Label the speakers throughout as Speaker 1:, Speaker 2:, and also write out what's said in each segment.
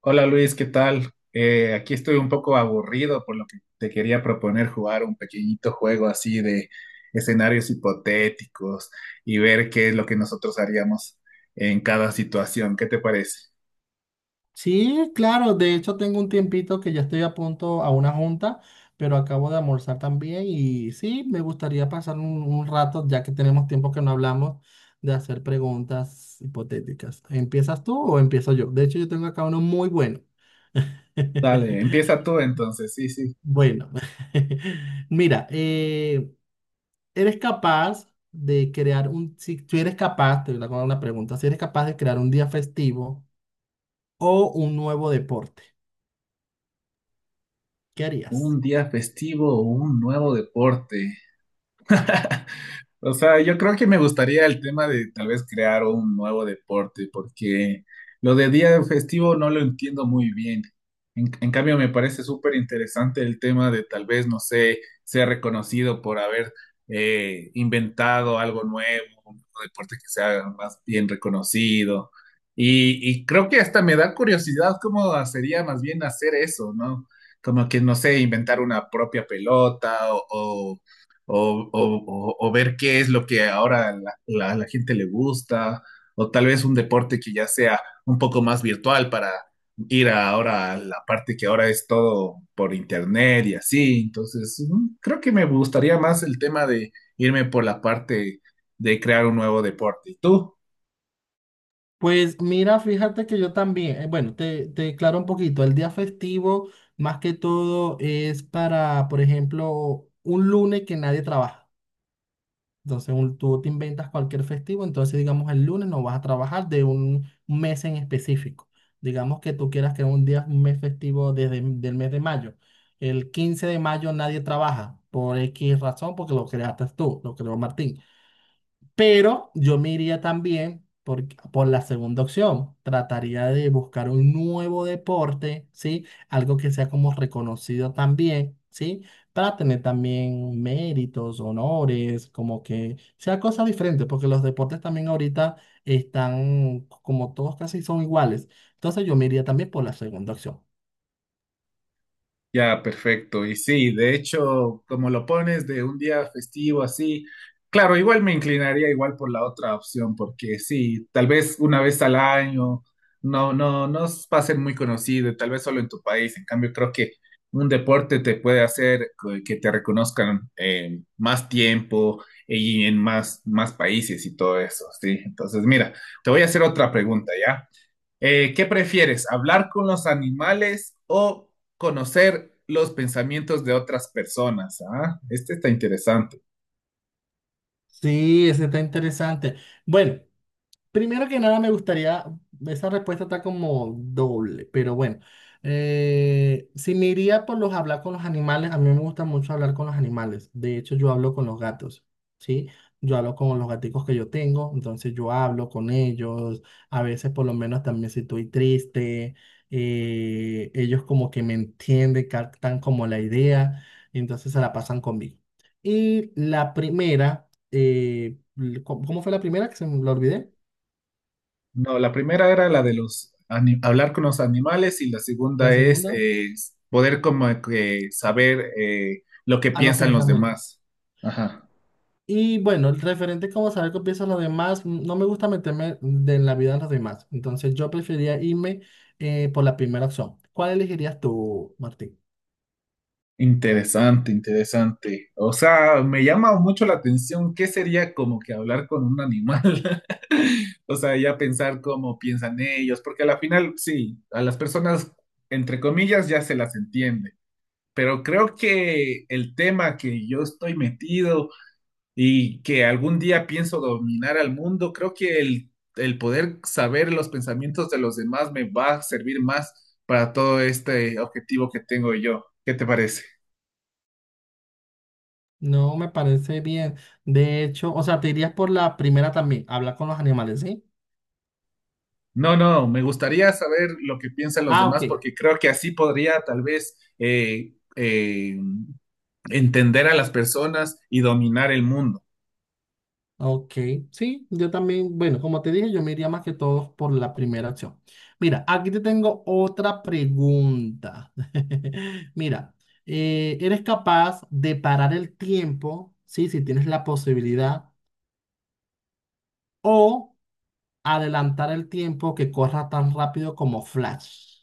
Speaker 1: Hola Luis, ¿qué tal? Aquí estoy un poco aburrido, por lo que te quería proponer jugar un pequeñito juego así de escenarios hipotéticos y ver qué es lo que nosotros haríamos en cada situación. ¿Qué te parece?
Speaker 2: Sí, claro, de hecho tengo un tiempito que ya estoy a punto a una junta, pero acabo de almorzar también y sí, me gustaría pasar un rato, ya que tenemos tiempo que no hablamos, de hacer preguntas hipotéticas. ¿Empiezas tú o empiezo yo? De hecho, yo tengo acá uno muy bueno.
Speaker 1: Dale, empieza tú entonces. Sí, sí.
Speaker 2: Bueno, mira, ¿eres capaz de crear un, si tú eres capaz, te voy a hacer una pregunta, si eres capaz de crear un día festivo o un nuevo deporte, qué
Speaker 1: Un
Speaker 2: harías?
Speaker 1: día festivo o un nuevo deporte. O sea, yo creo que me gustaría el tema de tal vez crear un nuevo deporte, porque lo de día festivo no lo entiendo muy bien. En cambio, me parece súper interesante el tema de tal vez, no sé, ser reconocido por haber inventado algo nuevo, un deporte que sea más bien reconocido. Y creo que hasta me da curiosidad cómo sería más bien hacer eso, ¿no? Como que, no sé, inventar una propia pelota o o ver qué es lo que ahora a la gente le gusta, o tal vez un deporte que ya sea un poco más virtual para ahora a la parte que ahora es todo por internet y así. Entonces, creo que me gustaría más el tema de irme por la parte de crear un nuevo deporte. ¿Y tú?
Speaker 2: Pues mira, fíjate que yo también, bueno, te aclaro un poquito, el día festivo más que todo es para, por ejemplo, un lunes que nadie trabaja. Entonces tú te inventas cualquier festivo, entonces digamos el lunes no vas a trabajar de un mes en específico. Digamos que tú quieras que un día, un mes festivo desde el mes de mayo. El 15 de mayo nadie trabaja por X razón porque lo creaste tú, lo creó Martín. Pero yo me iría también por la segunda opción. Trataría de buscar un nuevo deporte, ¿sí? Algo que sea como reconocido también, ¿sí? Para tener también méritos, honores, como que sea cosa diferente, porque los deportes también ahorita están como todos casi son iguales. Entonces yo me iría también por la segunda opción.
Speaker 1: Ya, perfecto. Y sí, de hecho, como lo pones de un día festivo así, claro, igual me inclinaría igual por la otra opción, porque sí, tal vez una vez al año, no, no, va a ser muy conocido, tal vez solo en tu país. En cambio, creo que un deporte te puede hacer que te reconozcan, más tiempo y en más, más países y todo eso, sí. Entonces, mira, te voy a hacer otra pregunta, ¿ya? ¿Qué prefieres? ¿Hablar con los animales o conocer los pensamientos de otras personas? Ah, este está interesante.
Speaker 2: Sí, ese está interesante. Bueno. Primero que nada, me gustaría, esa respuesta está como doble, pero bueno, si me iría por los hablar con los animales, a mí me gusta mucho hablar con los animales, de hecho yo hablo con los gatos, ¿sí? Yo hablo con los gaticos que yo tengo, entonces yo hablo con ellos, a veces por lo menos también si estoy triste, ellos como que me entienden, captan como la idea, y entonces se la pasan conmigo. Y la primera, ¿cómo fue la primera que se me la olvidé?
Speaker 1: No, la primera era la de hablar con los animales y la
Speaker 2: La
Speaker 1: segunda es
Speaker 2: segunda,
Speaker 1: poder como que saber lo que
Speaker 2: a los
Speaker 1: piensan los
Speaker 2: pensamientos.
Speaker 1: demás. Ajá.
Speaker 2: Y bueno, el referente como saber qué piensan los demás, mm, no me gusta meterme de la vida de los demás. Entonces yo preferiría irme por la primera opción. ¿Cuál elegirías tú, Martín?
Speaker 1: Interesante, interesante. O sea, me llama mucho la atención qué sería como que hablar con un animal. O sea, ya pensar cómo piensan ellos, porque a la final, sí, a las personas, entre comillas, ya se las entiende. Pero creo que el tema que yo estoy metido y que algún día pienso dominar al mundo, creo que el poder saber los pensamientos de los demás me va a servir más para todo este objetivo que tengo yo. ¿Qué te parece?
Speaker 2: No me parece bien. De hecho, o sea, te irías por la primera también, hablar con los animales, ¿sí?
Speaker 1: No, no, me gustaría saber lo que piensan los
Speaker 2: Ah,
Speaker 1: demás
Speaker 2: ok.
Speaker 1: porque creo que así podría tal vez entender a las personas y dominar el mundo.
Speaker 2: Ok, sí, yo también, bueno, como te dije, yo me iría más que todos por la primera opción. Mira, aquí te tengo otra pregunta. Mira, ¿eres capaz de parar el tiempo, sí, si tienes la posibilidad, o adelantar el tiempo que corra tan rápido como Flash?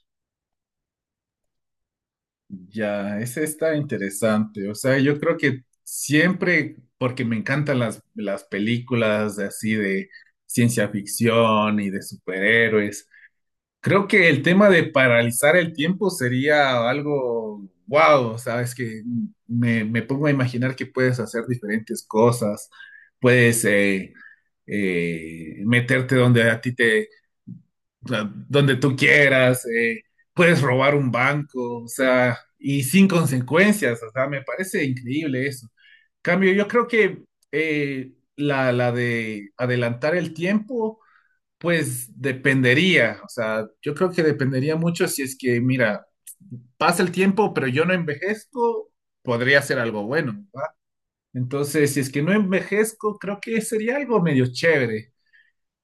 Speaker 1: Ya, ese está interesante. O sea, yo creo que siempre, porque me encantan las películas de así de ciencia ficción y de superhéroes. Creo que el tema de paralizar el tiempo sería algo wow, sabes que me pongo a imaginar que puedes hacer diferentes cosas, puedes meterte donde donde tú quieras, puedes robar un banco, o sea, y sin consecuencias, o sea, me parece increíble eso. Cambio, yo creo que, la de adelantar el tiempo pues dependería, o sea, yo creo que dependería mucho si es que, mira, pasa el tiempo, pero yo no envejezco, podría ser algo bueno. Entonces, si es que no envejezco, creo que sería algo medio chévere,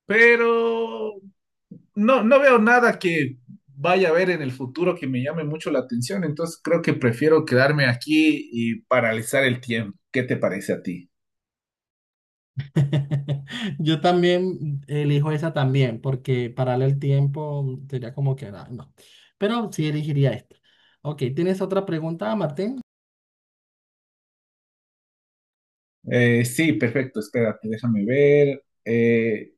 Speaker 1: pero no, no veo nada que vaya a ver en el futuro que me llame mucho la atención, entonces creo que prefiero quedarme aquí y paralizar el tiempo. ¿Qué te parece a ti?
Speaker 2: Yo también elijo esa también, porque parar el tiempo sería como que, ah, no, pero sí elegiría esta. Ok, ¿tienes otra pregunta, Martín?
Speaker 1: Sí, perfecto, espérate, déjame ver.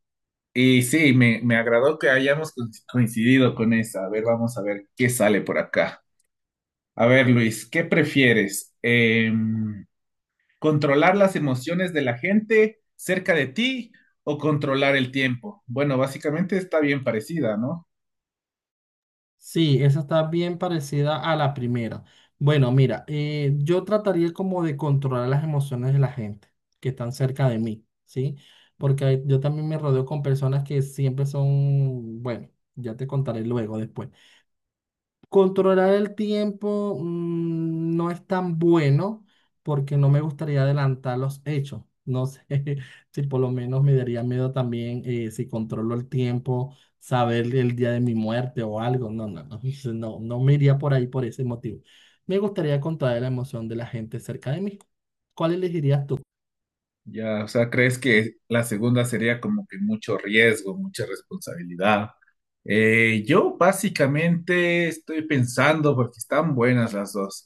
Speaker 1: Y sí, me agradó que hayamos coincidido con esa. A ver, vamos a ver qué sale por acá. A ver, Luis, ¿qué prefieres? ¿Controlar las emociones de la gente cerca de ti o controlar el tiempo? Bueno, básicamente está bien parecida, ¿no?
Speaker 2: Sí, esa está bien parecida a la primera. Bueno, mira, yo trataría como de controlar las emociones de la gente que están cerca de mí, ¿sí? Porque yo también me rodeo con personas que siempre son, bueno, ya te contaré luego, después. Controlar el tiempo mm, no es tan bueno porque no me gustaría adelantar los hechos. No sé si por lo menos me daría miedo también si controlo el tiempo, saber el día de mi muerte o algo. No, no, no, no, no me iría por ahí por ese motivo. Me gustaría controlar la emoción de la gente cerca de mí. ¿Cuál elegirías tú?
Speaker 1: Ya, o sea, ¿crees que la segunda sería como que mucho riesgo, mucha responsabilidad? Yo básicamente estoy pensando porque están buenas las dos.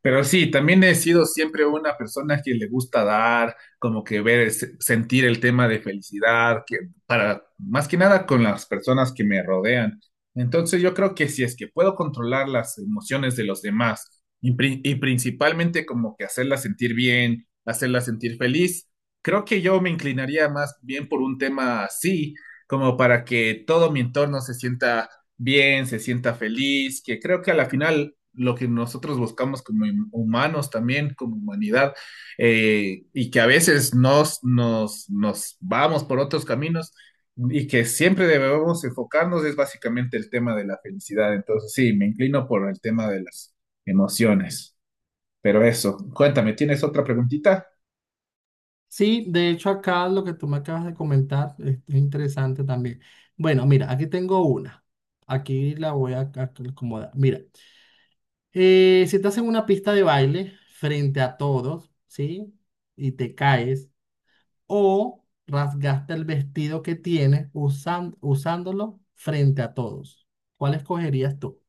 Speaker 1: Pero sí, también he sido siempre una persona que le gusta dar, como que ver, sentir el tema de felicidad, que para más que nada con las personas que me rodean. Entonces yo creo que si es que puedo controlar las emociones de los demás y, principalmente como que hacerlas sentir bien, hacerlas sentir feliz, creo que yo me inclinaría más bien por un tema así, como para que todo mi entorno se sienta bien, se sienta feliz, que creo que a la final lo que nosotros buscamos como humanos también, como humanidad, y que a veces nos vamos por otros caminos y que siempre debemos enfocarnos es básicamente el tema de la felicidad. Entonces, sí, me inclino por el tema de las emociones. Pero eso, cuéntame, ¿tienes otra preguntita?
Speaker 2: Sí, de hecho acá lo que tú me acabas de comentar es interesante también. Bueno, mira, aquí tengo una. Aquí la voy a acomodar. Mira. Si estás en una pista de baile frente a todos, ¿sí? Y te caes o rasgaste el vestido que tienes usándolo frente a todos. ¿Cuál escogerías tú?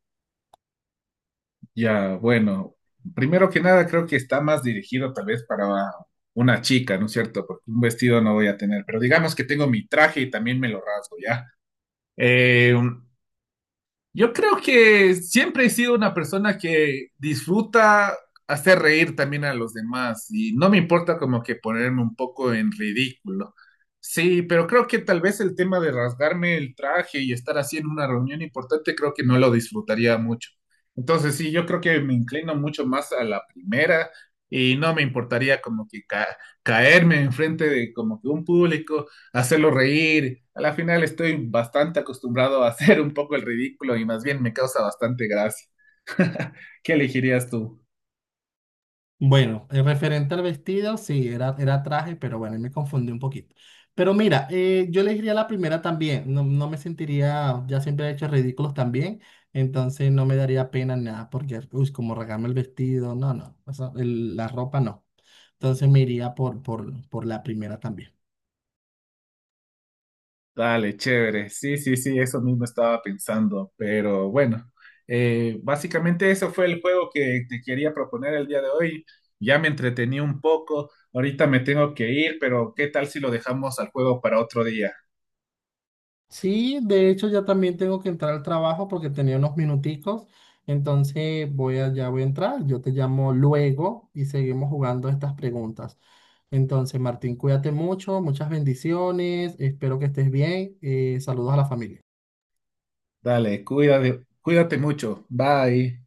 Speaker 1: Ya, bueno, primero que nada creo que está más dirigido tal vez para una chica, ¿no es cierto? Porque un vestido no voy a tener, pero digamos que tengo mi traje y también me lo rasgo, ¿ya? Eh, Yo creo que siempre he sido una persona que disfruta hacer reír también a los demás y no me importa como que ponerme un poco en ridículo. Sí, pero creo que tal vez el tema de rasgarme el traje y estar así en una reunión importante, creo que no lo disfrutaría mucho. Entonces, sí, yo creo que me inclino mucho más a la primera y no me importaría como que caerme enfrente de como que un público hacerlo reír. A la final estoy bastante acostumbrado a hacer un poco el ridículo y más bien me causa bastante gracia. ¿Qué elegirías tú?
Speaker 2: Bueno, referente al vestido, sí, era traje, pero bueno, ahí me confundí un poquito. Pero mira, yo le diría la primera también, no, no me sentiría, ya siempre he hecho ridículos también, entonces no me daría pena ni nada, porque, uy, como regarme el vestido, no, no, o sea, la ropa no. Entonces me iría por la primera también.
Speaker 1: Dale, chévere. Sí, sí, sí, eso mismo estaba pensando, pero bueno, básicamente eso fue el juego que te quería proponer el día de hoy. Ya me entretení un poco, ahorita me tengo que ir, pero ¿qué tal si lo dejamos al juego para otro día?
Speaker 2: Sí, de hecho ya también tengo que entrar al trabajo porque tenía unos minuticos, entonces voy a, ya voy a entrar, yo te llamo luego y seguimos jugando estas preguntas. Entonces, Martín, cuídate mucho, muchas bendiciones, espero que estés bien, saludos a la familia.
Speaker 1: Dale, cuídate, cuídate mucho. Bye.